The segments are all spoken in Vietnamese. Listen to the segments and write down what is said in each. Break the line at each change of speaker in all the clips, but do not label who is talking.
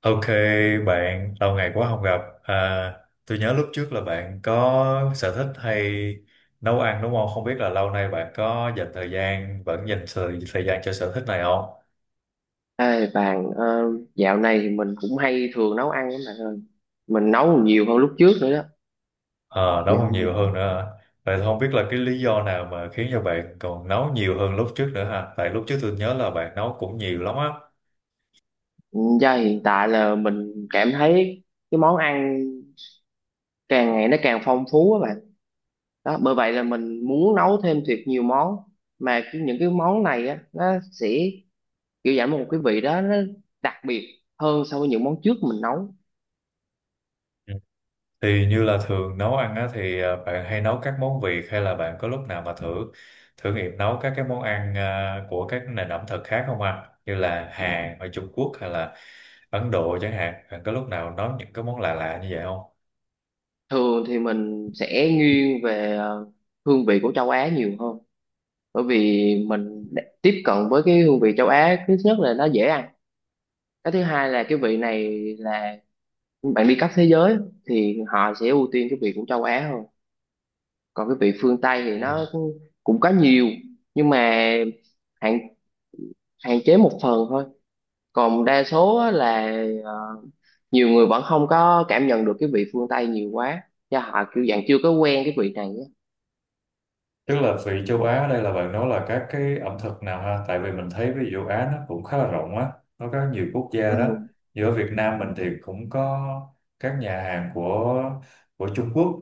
Ok bạn, lâu ngày quá không gặp. Tôi nhớ lúc trước là bạn có sở thích hay nấu ăn đúng không? Không biết là lâu nay bạn có dành thời gian, thời gian cho sở thích này không?
Ê bạn, dạo này thì mình cũng hay thường nấu ăn lắm bạn ơi, mình nấu nhiều hơn lúc trước nữa đó.
Ờ, nấu
Dạo
còn nhiều hơn nữa hả? Vậy thì không biết là cái lý do nào mà khiến cho bạn còn nấu nhiều hơn lúc trước nữa ha? Tại lúc trước tôi nhớ là bạn nấu cũng nhiều lắm á. Ừ.
giờ hiện tại là mình cảm thấy cái món ăn càng ngày nó càng phong phú á bạn. Đó bởi vậy là mình muốn nấu thêm thiệt nhiều món, mà những cái món này á nó sẽ kiểu giảm một cái vị đó, nó đặc biệt hơn so với những món trước mình nấu.
Thì như là thường nấu ăn á, thì bạn hay nấu các món Việt hay là bạn có lúc nào mà thử thử nghiệm nấu các cái món ăn, à, của các nền ẩm thực khác không ạ? Như là Hàn ở Trung Quốc hay là Ấn Độ chẳng hạn. Bạn có lúc nào nấu những cái món lạ lạ như vậy không?
Thường thì mình sẽ nghiêng về hương vị của châu Á nhiều hơn, bởi vì tiếp cận với cái hương vị châu Á, thứ nhất là nó dễ ăn, cái thứ hai là cái vị này là bạn đi khắp thế giới thì họ sẽ ưu tiên cái vị của châu Á hơn. Còn cái vị phương Tây thì nó cũng cũng có nhiều nhưng mà hạn hạn chế một phần thôi, còn đa số á là ờ, nhiều người vẫn không có cảm nhận được cái vị phương Tây nhiều quá, do họ kiểu dạng chưa có quen cái vị này á.
Tức là vị châu Á ở đây là bạn nói là các cái ẩm thực nào ha? Tại vì mình thấy ví dụ châu Á nó cũng khá là rộng á, nó có nhiều quốc
Ừ.
gia đó. Giữa Việt Nam mình thì cũng có các nhà hàng của Trung Quốc,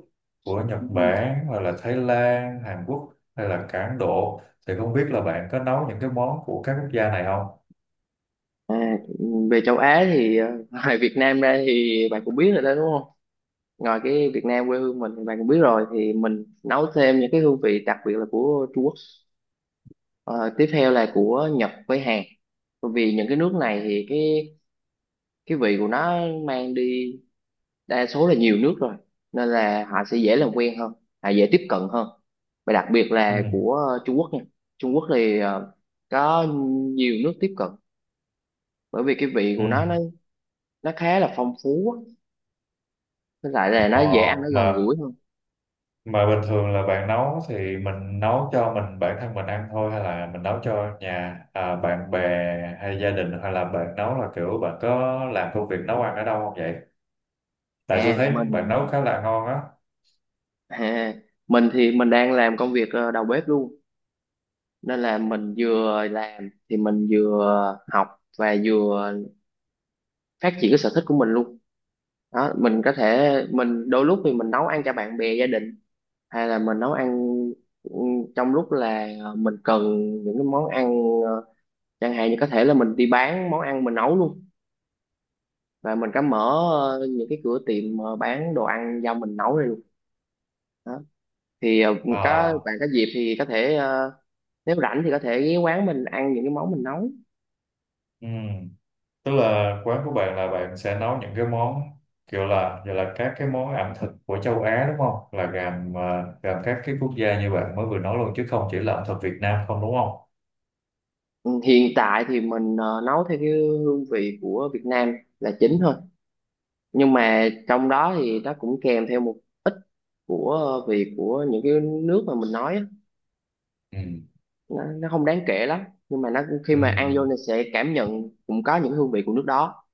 của Nhật
Ừ.
Bản hoặc là Thái Lan, Hàn Quốc hay là cả Ấn Độ. Thì không biết là bạn có nấu những cái món của các quốc gia này không?
À, về châu Á thì ngoài Việt Nam ra thì bạn cũng biết rồi đó đúng không, ngoài cái Việt Nam quê hương mình thì bạn cũng biết rồi, thì mình nấu thêm những cái hương vị đặc biệt là của Trung Quốc. Ờ, tiếp theo là của Nhật với Hàn, bởi vì những cái nước này thì cái vị của nó mang đi đa số là nhiều nước rồi, nên là họ sẽ dễ làm quen hơn, họ dễ tiếp cận hơn, và đặc biệt
Ừ.
là của Trung Quốc nha. Trung Quốc thì có nhiều nước tiếp cận, bởi vì cái vị
Ừ.
của nó nó khá là phong phú á, với lại là nó
Ờ,
dễ ăn, nó gần
mà
gũi hơn.
Mà bình thường là bạn nấu thì mình nấu cho mình bản thân mình ăn thôi hay là mình nấu cho bạn bè hay gia đình, hay là bạn nấu là kiểu bạn có làm công việc nấu ăn ở đâu không vậy? Tại tôi
à
thấy bạn
mình
nấu khá là ngon á.
À, mình thì mình đang làm công việc đầu bếp luôn, nên là mình vừa làm thì mình vừa học và vừa phát triển cái sở thích của mình luôn. Đó, mình có thể mình đôi lúc thì mình nấu ăn cho bạn bè gia đình, hay là mình nấu ăn, ừ, trong lúc là mình cần những cái món ăn, ờ, chẳng hạn như có thể là mình đi bán món ăn mình nấu luôn, và mình có mở những cái cửa tiệm bán đồ ăn do mình nấu ra luôn đó. Thì
Ờ,
có bạn có dịp thì có thể, nếu rảnh thì có thể ghé quán mình ăn những cái món mình nấu.
ừm. Tức là quán của bạn là bạn sẽ nấu những cái món kiểu là giờ là các cái món ẩm thực của châu Á đúng không? Là gồm các cái quốc gia như bạn mới vừa nói luôn, chứ không chỉ là ẩm thực Việt Nam không, đúng không?
Ừ, hiện tại thì mình nấu theo cái hương vị của Việt Nam là chính thôi, nhưng mà trong đó thì nó cũng kèm theo một ít của vị của những cái nước mà mình nói á.
Ừ.
Nó không đáng kể lắm, nhưng mà nó khi
Ừ.
mà ăn vô thì sẽ cảm nhận cũng có những hương vị của nước đó.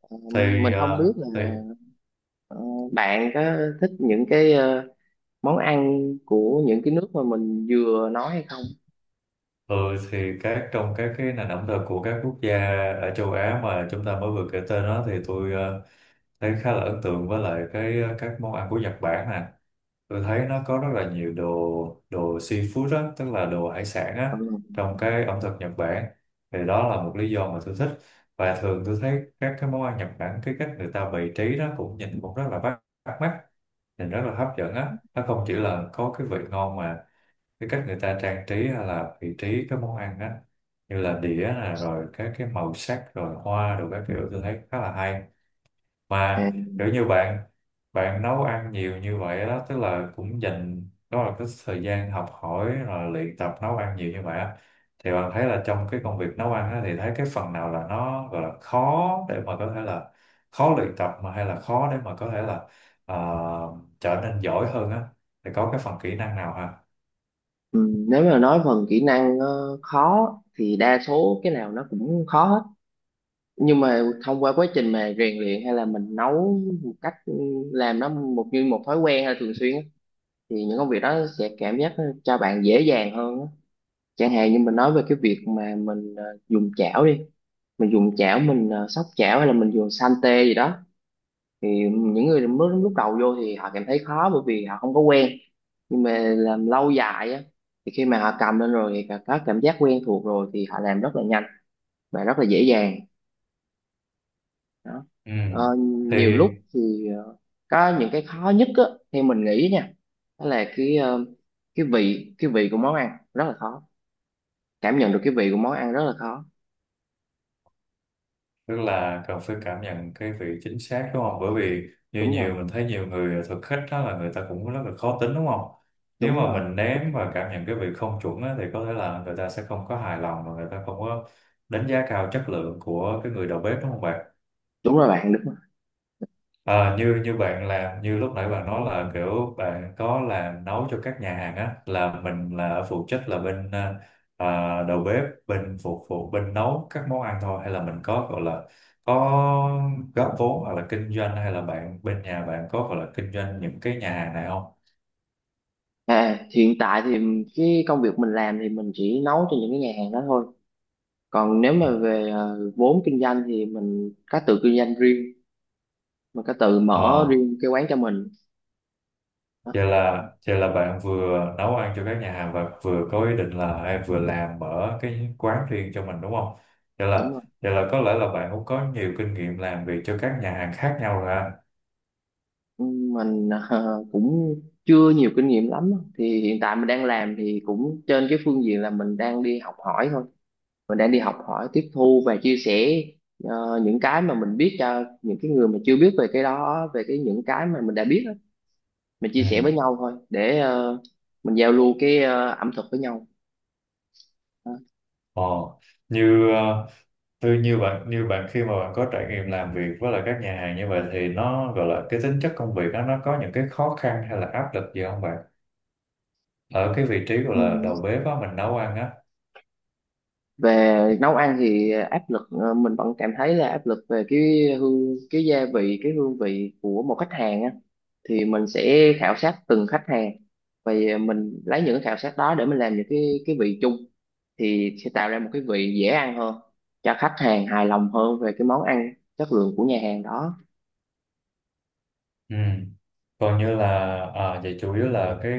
Ờ, mình
Thì
không
à,
biết là
thì
ờ, bạn có thích những cái món ăn của những cái nước mà mình vừa nói hay không.
Ừ, thì trong các cái nền ẩm thực của các quốc gia ở châu Á mà chúng ta mới vừa kể tên đó thì tôi thấy khá là ấn tượng với lại các món ăn của Nhật Bản nè. Tôi thấy nó có rất là nhiều đồ đồ seafood á, tức là đồ hải sản á,
Ừ.
trong cái ẩm thực Nhật Bản. Thì đó là một lý do mà tôi thích. Và thường tôi thấy các cái món ăn Nhật Bản, cái cách người ta bày trí đó cũng nhìn cũng rất là bắt bắt mắt, nhìn rất là hấp dẫn á, nó không chỉ là có cái vị ngon mà cái cách người ta trang trí hay là vị trí cái món ăn á, như là đĩa nè rồi các cái màu sắc rồi hoa rồi các kiểu, tôi thấy khá là hay.
À.
Mà kiểu như bạn bạn nấu ăn nhiều như vậy đó, tức là cũng dành đó là cái thời gian học hỏi rồi luyện tập nấu ăn nhiều như vậy á, thì bạn thấy là trong cái công việc nấu ăn á thì thấy cái phần nào là nó gọi là khó để mà có thể là khó luyện tập, mà hay là khó để mà có thể là ờ, trở nên giỏi hơn á, thì có cái phần kỹ năng nào ha?
Ừ, nếu mà nói phần kỹ năng khó thì đa số cái nào nó cũng khó hết, nhưng mà thông qua quá trình mà rèn luyện, hay là mình nấu một cách làm nó một như một thói quen hay là thường xuyên á, thì những công việc đó sẽ cảm giác nó cho bạn dễ dàng hơn á. Chẳng hạn như mình nói về cái việc mà mình dùng chảo đi, mình dùng chảo, mình xóc chảo hay là mình dùng san tê gì đó, thì những người mới lúc đầu vô thì họ cảm thấy khó bởi vì họ không có quen, nhưng mà làm lâu dài á thì khi mà họ cầm lên rồi thì có cảm giác quen thuộc rồi thì họ làm rất là nhanh và rất là dễ dàng đó.
Ừ.
ờ,
Thì
Nhiều lúc thì có những cái khó nhất á, theo mình nghĩ nha, đó là cái cái vị của món ăn rất là khó, cảm nhận được cái vị của món ăn rất là khó.
tức là cần phải cảm nhận cái vị chính xác đúng không? Bởi vì như
Đúng rồi,
nhiều mình thấy nhiều người thực khách đó là người ta cũng rất là khó tính đúng không? Nếu
đúng
mà
rồi.
mình ném và cảm nhận cái vị không chuẩn á, thì có thể là người ta sẽ không có hài lòng và người ta không có đánh giá cao chất lượng của cái người đầu bếp đúng không bạn?
Đúng rồi bạn, đúng rồi.
Ờ, như như bạn làm, như lúc nãy bạn nói là kiểu bạn có làm nấu cho các nhà hàng á, là mình là phụ trách là đầu bếp, bên phục vụ, bên nấu các món ăn thôi, hay là mình có gọi là có góp vốn hoặc là kinh doanh, hay là bạn bên nhà bạn có gọi là kinh doanh những cái nhà hàng này không?
À hiện tại thì cái công việc mình làm thì mình chỉ nấu cho những cái nhà hàng đó thôi, còn nếu
Ừ.
mà về vốn kinh doanh thì mình có tự kinh doanh riêng, mình có tự mở
Ờ.
riêng cái quán cho mình đó,
Vậy là bạn vừa nấu ăn cho các nhà hàng và vừa có ý định là hay vừa làm mở cái quán riêng cho mình đúng không? Vậy là
đúng rồi.
Vậy là có lẽ là bạn cũng có nhiều kinh nghiệm làm việc cho các nhà hàng khác nhau rồi ha.
Ừ, mình cũng chưa nhiều kinh nghiệm lắm á. Thì hiện tại mình đang làm thì cũng trên cái phương diện là mình đang đi học hỏi thôi, mình đang đi học hỏi, tiếp thu và chia sẻ những cái mà mình biết cho những cái người mà chưa biết về cái đó, về cái những cái mà mình đã biết á. Mình chia sẻ
Ừ.
với nhau thôi để mình giao lưu cái ẩm thực với nhau. Đó.
Ờ. Như ờ, tôi như như bạn, khi mà bạn có trải nghiệm làm việc với lại các nhà hàng như vậy thì nó gọi là cái tính chất công việc đó, nó có những cái khó khăn hay là áp lực gì không bạn? Ở cái vị trí gọi
Ừ.
là đầu bếp á, mình nấu ăn á.
Về nấu ăn thì áp lực, mình vẫn cảm thấy là áp lực về cái hương, cái gia vị, cái hương vị của một khách hàng á, thì mình sẽ khảo sát từng khách hàng, và mình lấy những cái khảo sát đó để mình làm những cái vị chung, thì sẽ tạo ra một cái vị dễ ăn hơn, cho khách hàng hài lòng hơn về cái món ăn chất lượng của nhà hàng đó.
Ừ. Còn như là vậy chủ yếu là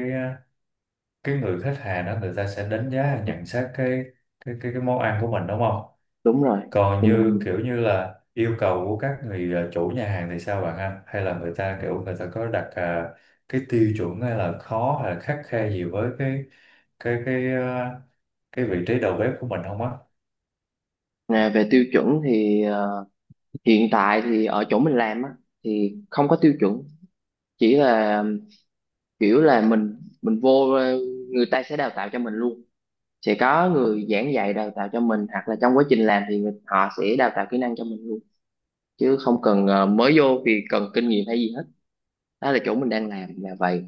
cái người khách hàng đó, người ta sẽ đánh giá nhận xét cái món ăn của mình đúng không,
Đúng rồi.
còn
Thì mình
như kiểu như là yêu cầu của các người chủ nhà hàng thì sao bạn ha, hay là người ta kiểu người ta có đặt cái tiêu chuẩn hay là khó hay là khắt khe gì với cái cái ờ, cái vị trí đầu bếp của mình không á?
à, về tiêu chuẩn thì hiện tại thì ở chỗ mình làm á thì không có tiêu chuẩn, chỉ là kiểu là mình vô, người ta sẽ đào tạo cho mình luôn, sẽ có người giảng dạy đào tạo cho mình, hoặc là trong quá trình làm thì họ sẽ đào tạo kỹ năng cho mình luôn, chứ không cần mới vô vì cần kinh nghiệm hay gì hết, đó là chỗ mình đang làm là vậy.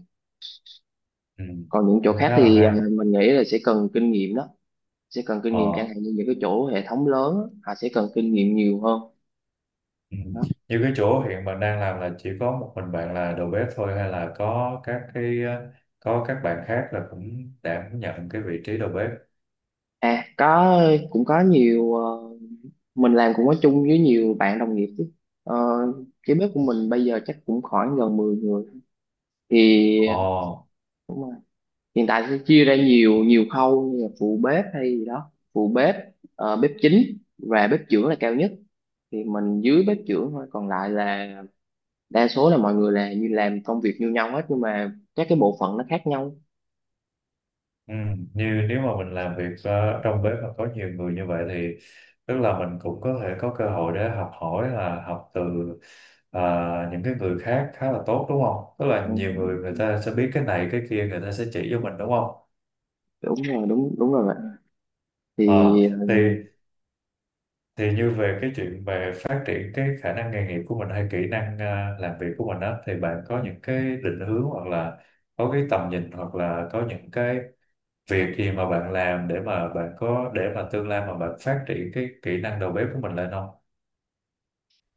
Ừ.
Còn những chỗ
Cũng
khác
khá là
thì
hay.
mình nghĩ là sẽ cần kinh nghiệm đó, sẽ cần kinh nghiệm, chẳng
Ờ.
hạn như những cái chỗ hệ thống lớn á, họ sẽ cần kinh nghiệm nhiều hơn
Ừ.
đó.
Như cái chỗ hiện mình đang làm là chỉ có một mình bạn là đầu bếp thôi, hay là có có các bạn khác là cũng đảm nhận cái vị trí đầu bếp?
À có, cũng có nhiều, mình làm cũng có chung với nhiều bạn đồng nghiệp chứ. Ờ, cái bếp của mình bây giờ chắc cũng khoảng gần 10 người thì
Ồ,
đúng rồi. Hiện tại sẽ chia ra nhiều nhiều khâu, như là phụ bếp hay gì đó, phụ bếp, bếp chính và bếp trưởng là cao nhất, thì mình dưới bếp trưởng thôi, còn lại là đa số là mọi người là như làm công việc như nhau hết, nhưng mà các cái bộ phận nó khác nhau.
ừ. Như nếu mà mình làm việc trong bếp mà có nhiều người như vậy thì tức là mình cũng có thể có cơ hội để học hỏi, là học từ ờ, những cái người khác khá là tốt đúng không? Tức là
Ừ,
nhiều người, người ta sẽ biết cái này cái kia, người ta sẽ chỉ cho mình đúng không?
đúng rồi, đúng đúng rồi bạn. Thì
Ờ, thì thì như về cái chuyện về phát triển cái khả năng nghề nghiệp của mình hay kỹ năng làm việc của mình á, thì bạn có những cái định hướng hoặc là có cái tầm nhìn, hoặc là có những cái việc gì mà bạn làm để mà bạn có để mà tương lai mà bạn phát triển cái kỹ năng đầu bếp của mình lên không?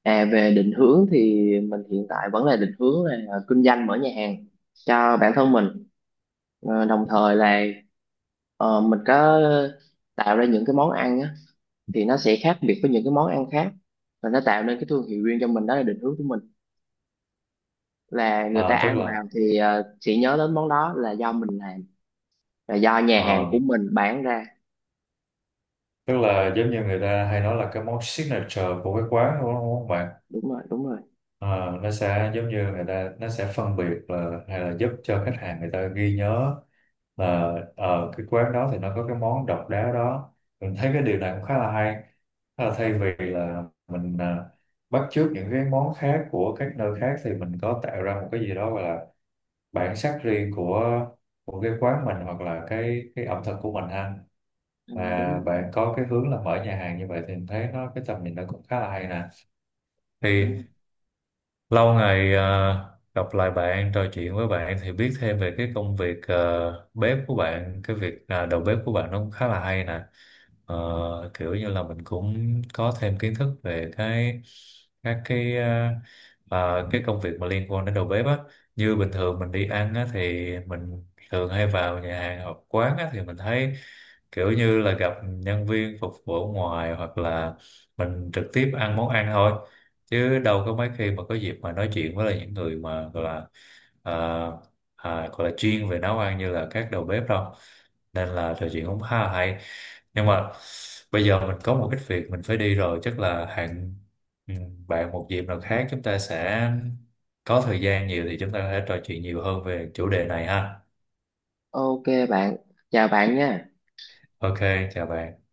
à, về định hướng thì mình hiện tại vẫn là định hướng là kinh doanh mở nhà hàng cho bản thân mình. Ờ, đồng thời là mình có tạo ra những cái món ăn á, thì nó sẽ khác biệt với những cái món ăn khác, và nó tạo nên cái thương hiệu riêng cho mình, đó là định hướng của mình, là người ta
Ờ, tức
ăn
là
vào thì sẽ nhớ đến món đó là do mình làm, là do nhà hàng của
ờ,
mình bán ra.
tức là giống như người ta hay nói là cái món signature của cái quán đúng không?
Đúng rồi, đúng rồi.
Ờ, nó sẽ giống như người ta, nó sẽ phân biệt là hay là giúp cho khách hàng người ta ghi nhớ là ở cái quán đó thì nó có cái món độc đáo đó. Mình thấy cái điều này cũng khá là hay. Thế là thay vì là bắt chước những cái món khác của các nơi khác thì mình có tạo ra một cái gì đó gọi là bản sắc riêng của cái quán mình hoặc là cái ẩm thực của mình ha.
Ờ, đúng
Và
rồi,
bạn có cái hướng là mở nhà hàng như vậy thì mình thấy nó cái tầm nhìn nó cũng khá là hay nè.
đúng
Thì
rồi.
lâu ngày gặp lại bạn, trò chuyện với bạn thì biết thêm về cái công việc bếp của bạn, đầu bếp của bạn, nó cũng khá là hay nè. Ờ, kiểu như là mình cũng có thêm kiến thức về cái các cái ờ, ờ, cái công việc mà liên quan đến đầu bếp á. Như bình thường mình đi ăn á thì mình thường hay vào nhà hàng hoặc quán á, thì mình thấy kiểu như là gặp nhân viên phục vụ ở ngoài, hoặc là mình trực tiếp ăn món ăn thôi, chứ đâu có mấy khi mà có dịp mà nói chuyện với lại những người mà gọi là ờ, gọi là chuyên về nấu ăn như là các đầu bếp đâu, nên là trò chuyện cũng khá là hay. Nhưng mà bây giờ mình có một ít việc mình phải đi rồi, chắc là hẹn ừ, bạn một dịp nào khác, chúng ta sẽ có thời gian nhiều thì chúng ta có thể trò chuyện nhiều hơn về chủ đề này ha.
Ok bạn, chào bạn nha.
Ok, chào bạn.